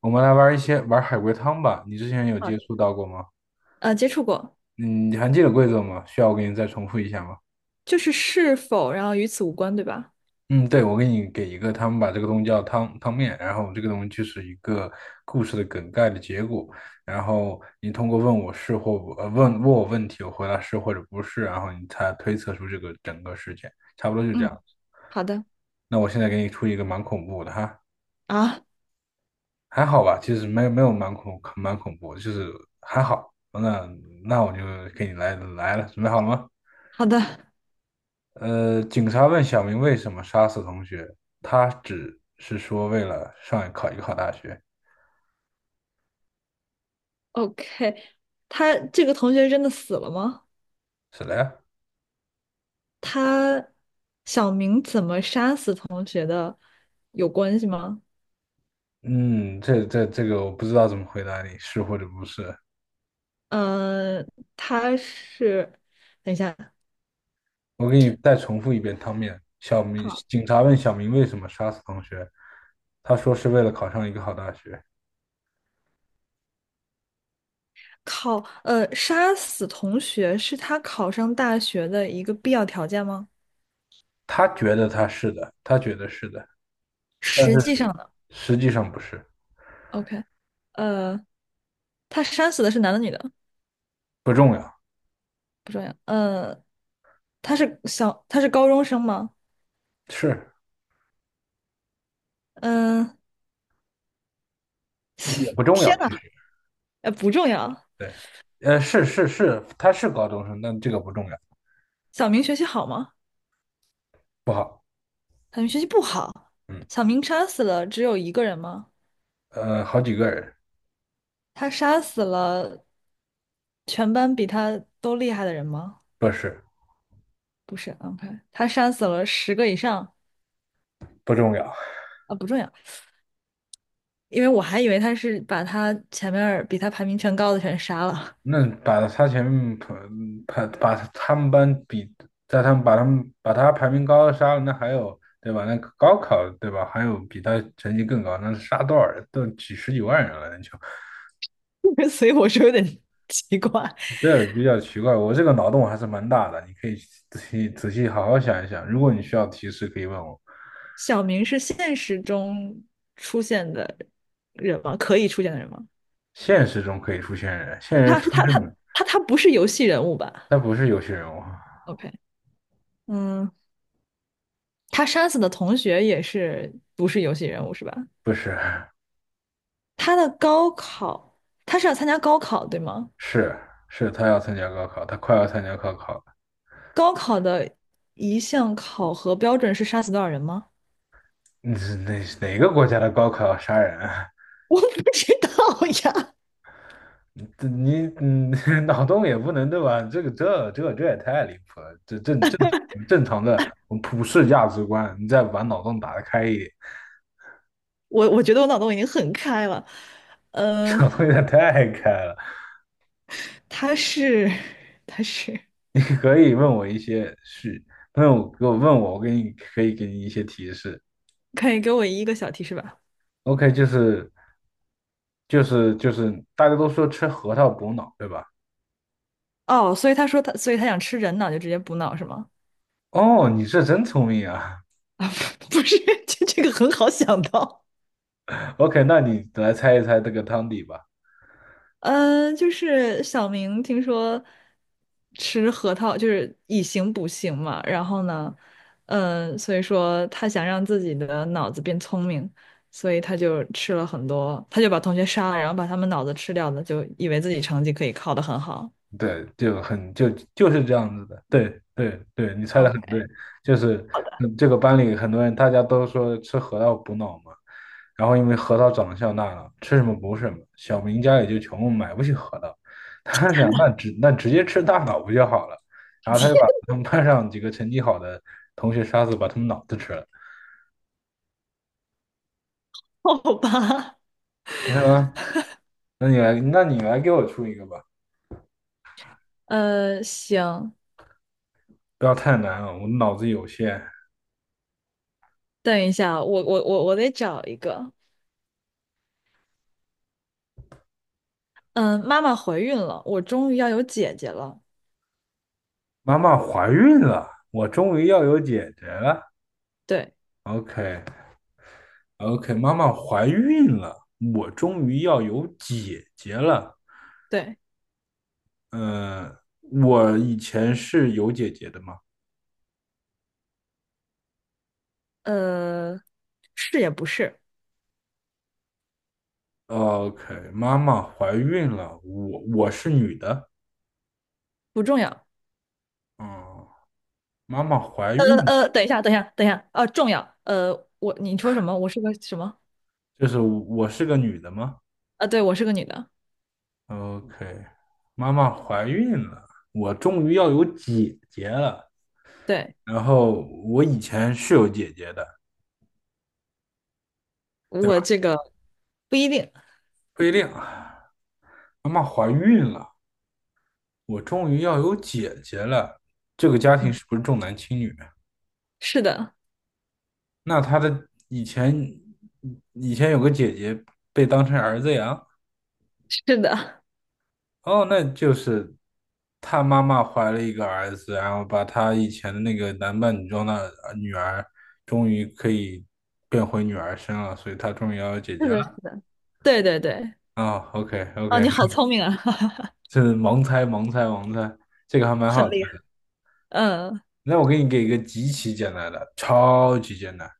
我们来玩一些玩海龟汤吧。你之前有好接的，触到过吗？接触过。嗯，你还记得规则吗？需要我给你再重复一下吗？就是是否，然后与此无关，对吧？嗯，对，我给你给一个，他们把这个东西叫汤面，然后这个东西就是一个故事的梗概的结果，然后你通过问我问题，我回答是或者不是，然后你才推测出这个整个事件，差不多就这样。嗯，好的那我现在给你出一个蛮恐怖的哈，啊，还好吧，其实没有蛮恐怖的就是还好。那我就给你来了，准备好了吗？好的警察问小明为什么杀死同学，他只是说为了上考一个好大学。，OK。他这个同学真的死了吗？是的呀。他小明怎么杀死同学的有关系吗？嗯，这个我不知道怎么回答你，是或者不是。嗯、他是，等一下，我给你再重复一遍汤面。小明，好警察问小明为什么杀死同学，他说是为了考上一个好大学。考，杀死同学是他考上大学的一个必要条件吗？他觉得他是的，他觉得是的，但是实际上呢实际上不是。，OK，呃，他杀死的是男的女的？不重要，不重要，他是小，他是高中生吗？是嗯，也不重天要，呐，其实不重要。对，是，他是高中生，但这个不重要。小明学习好吗？不好。小明学习不好。嗯，小明杀死了只有一个人吗？好几个人。他杀死了全班比他都厉害的人吗？不是，不是，OK，他杀死了十个以上不重要。啊，不重要，因为我还以为他是把他前面儿比他排名全高的全杀了。那把他前面排把他们班比，在他们把他们把他排名高的杀了，那还有对吧？那高考对吧？还有比他成绩更高，那杀多少人？都几十几万人了，那就 所以我说有点奇怪。这比较奇怪。我这个脑洞还是蛮大的，你可以仔细好好想一想。如果你需要提示，可以问我。小明是现实中出现的人吗？可以出现的人吗？现实中可以出现人，现人他出是证。他不是游戏人物吧他不是游戏人物。？OK，嗯，他杀死的同学也是不是游戏人物是吧？不是。他的高考，他是要参加高考对吗？是是，他要参加高考，他快要参加高考了。高考的一项考核标准是杀死多少人吗？你是哪个国家的高考要杀人啊？我不知道呀，这你嗯，脑洞也不能对吧？这个这这这也太离谱了，这正常的普世价值观，你再把脑洞打得开一点。我觉得我脑洞已经很开了。呃，脑洞有点太开了。他是他是，你可以问我一些是，问我，我可以给你一些提示。可以给我一个小提示吧？OK，就是大家都说吃核桃补脑，对吧？哦，所以他说他，所以他想吃人脑，就直接补脑是吗？哦，你是真聪明啊。啊，不是，这这个很好想到。OK，那你来猜一猜这个汤底吧。嗯，就是小明听说吃核桃就是以形补形嘛，然后呢，嗯、所以说他想让自己的脑子变聪明，所以他就吃了很多，他就把同学杀了，然后把他们脑子吃掉了，就以为自己成绩可以考得很好。对，就很就就是这样子的。对对对，你猜的很对。OK，就是嗯这个班里很多人大家都说吃核桃补脑嘛，然后因为核桃长得像大脑，吃什么补什么。小明家里就穷，买不起核桃，他想那直接吃大脑不就好了？然后他就把他们班上几个成绩好的同学杀死，把他们脑子吃了 好吧，，OK 吗？那你来给我出一个吧，行，不要太难了，我脑子有限。等一下，我得找一个。嗯，妈妈怀孕了，我终于要有姐姐了。妈妈怀孕了，我终于要有姐姐了。对 OK，OK，妈妈怀孕了，我终于要有姐姐了。对，嗯，我以前是有姐姐的吗呃，是也不是。？OK，妈妈怀孕了，我我是女的。不重要。嗯，妈妈怀孕了等一下，等一下，等一下，重要。我你说什么？我是个什么？就是我是个女的吗啊，对，我是个女的。？OK，妈妈怀孕了，我终于要有姐，对，然后我以前是有姐姐的，我这个不一定。不一定啊。妈妈怀孕了，我终于要有姐姐了，这个家庭是不是重男轻女啊？是的，那她的以前，以前有个姐姐被当成儿子养。是的，哦，那就是她妈妈怀了一个儿子，然后把她以前的那个男扮女装的女儿，终于可以变回女儿身了，所以她终于要有姐是姐的，是了。的。对对对。啊、o k 啊，OK，你好聪明啊，是盲猜，这个还 蛮很好的。厉害。嗯，那我给你给一个极其简单的，超级简单。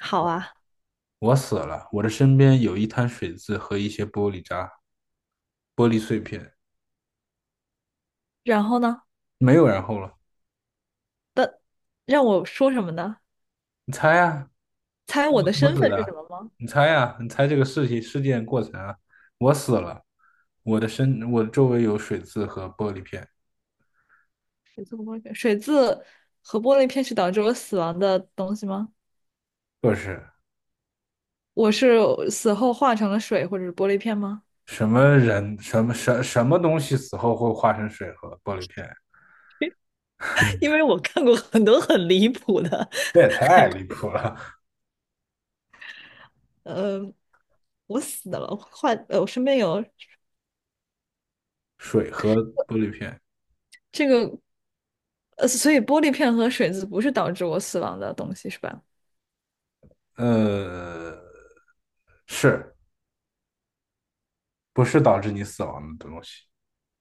好啊。我死了，我的身边有一滩水渍和一些玻璃渣、玻璃碎片，然后呢？没有然后了。的让我说什么呢？你猜呀、猜我我的怎么身死份是什的？么吗？你猜呀、你猜这个事件过程啊？我死了，我的周围有水渍和玻璃片。水渍和玻璃片，水渍和玻璃片是导致我死亡的东西吗？不是。我是死后化成了水或者是玻璃片吗？什么人，什么东西死后会化成水和玻璃片？因为我看过很多很离谱的这也海太离龟谱了！呃，我死了，我坏，我身边有 水和玻璃片，这个，所以玻璃片和水渍不是导致我死亡的东西是吧呃，是。不是导致你死亡的东西。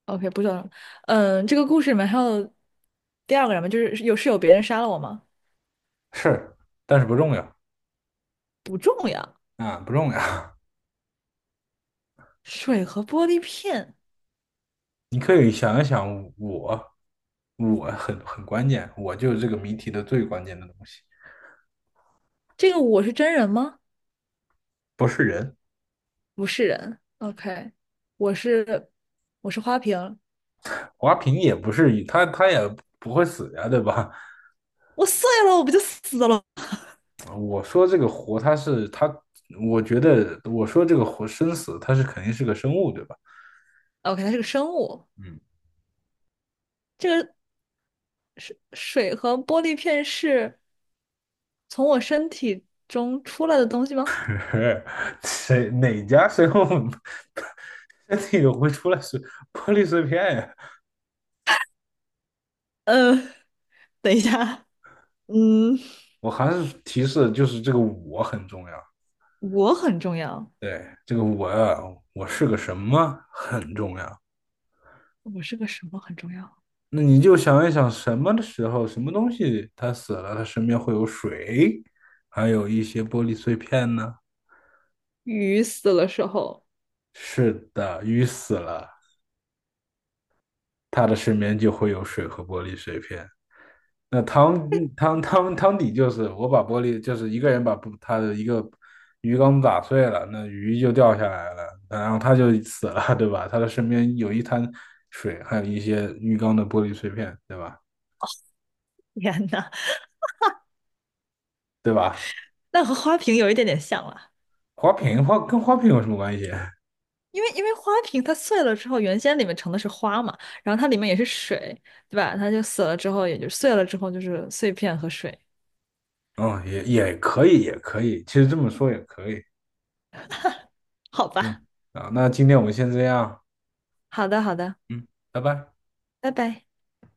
？OK，不知道，嗯，这个故事里面还有第二个人吗？就是有是有别人杀了我吗？是，但是不重要。不重要，啊，不重要。水和玻璃片，你可以想一想我，我很关键，我就是这个谜题的最关键的东西。这个我是真人吗？不是人。不是人，OK，我是我是花瓶，华平也不是，他也不会死呀，对吧？我碎了，我不就死了 我说这个活，他是他，我觉得我说这个活生死，他是肯定是个生物，对吧？？OK，它是个生物。嗯。这个水和玻璃片是从我身体中出来的东西吗？谁哪家生物 身体会出来是玻璃碎片呀？呃，等一下，嗯，我还是提示就是这个我很重要。我很重要，对，这个我呀，我是个什么很重要。我是个什么很重要？那你就想一想，什么的时候，什么东西它死了，它身边会有水，还有一些玻璃碎片呢？鱼死了时候，是的，鱼死了，它的身边就会有水和玻璃碎片。那汤底就是我把玻璃，就是一个人把不他的一个鱼缸打碎了，那鱼就掉下来了，然后他就死了，对吧？他的身边有一滩水，还有一些鱼缸的玻璃碎片，对吧？天呐，对吧？那和花瓶有一点点像了。花瓶有什么关系？因为花瓶它碎了之后，原先里面盛的是花嘛，然后它里面也是水，对吧？它就死了之后，也就碎了之后就是碎片和水。嗯，也可以，其实这么说也可以。好吧，嗯，啊，那今天我们先这样，好的，好的，嗯，拜拜。拜拜。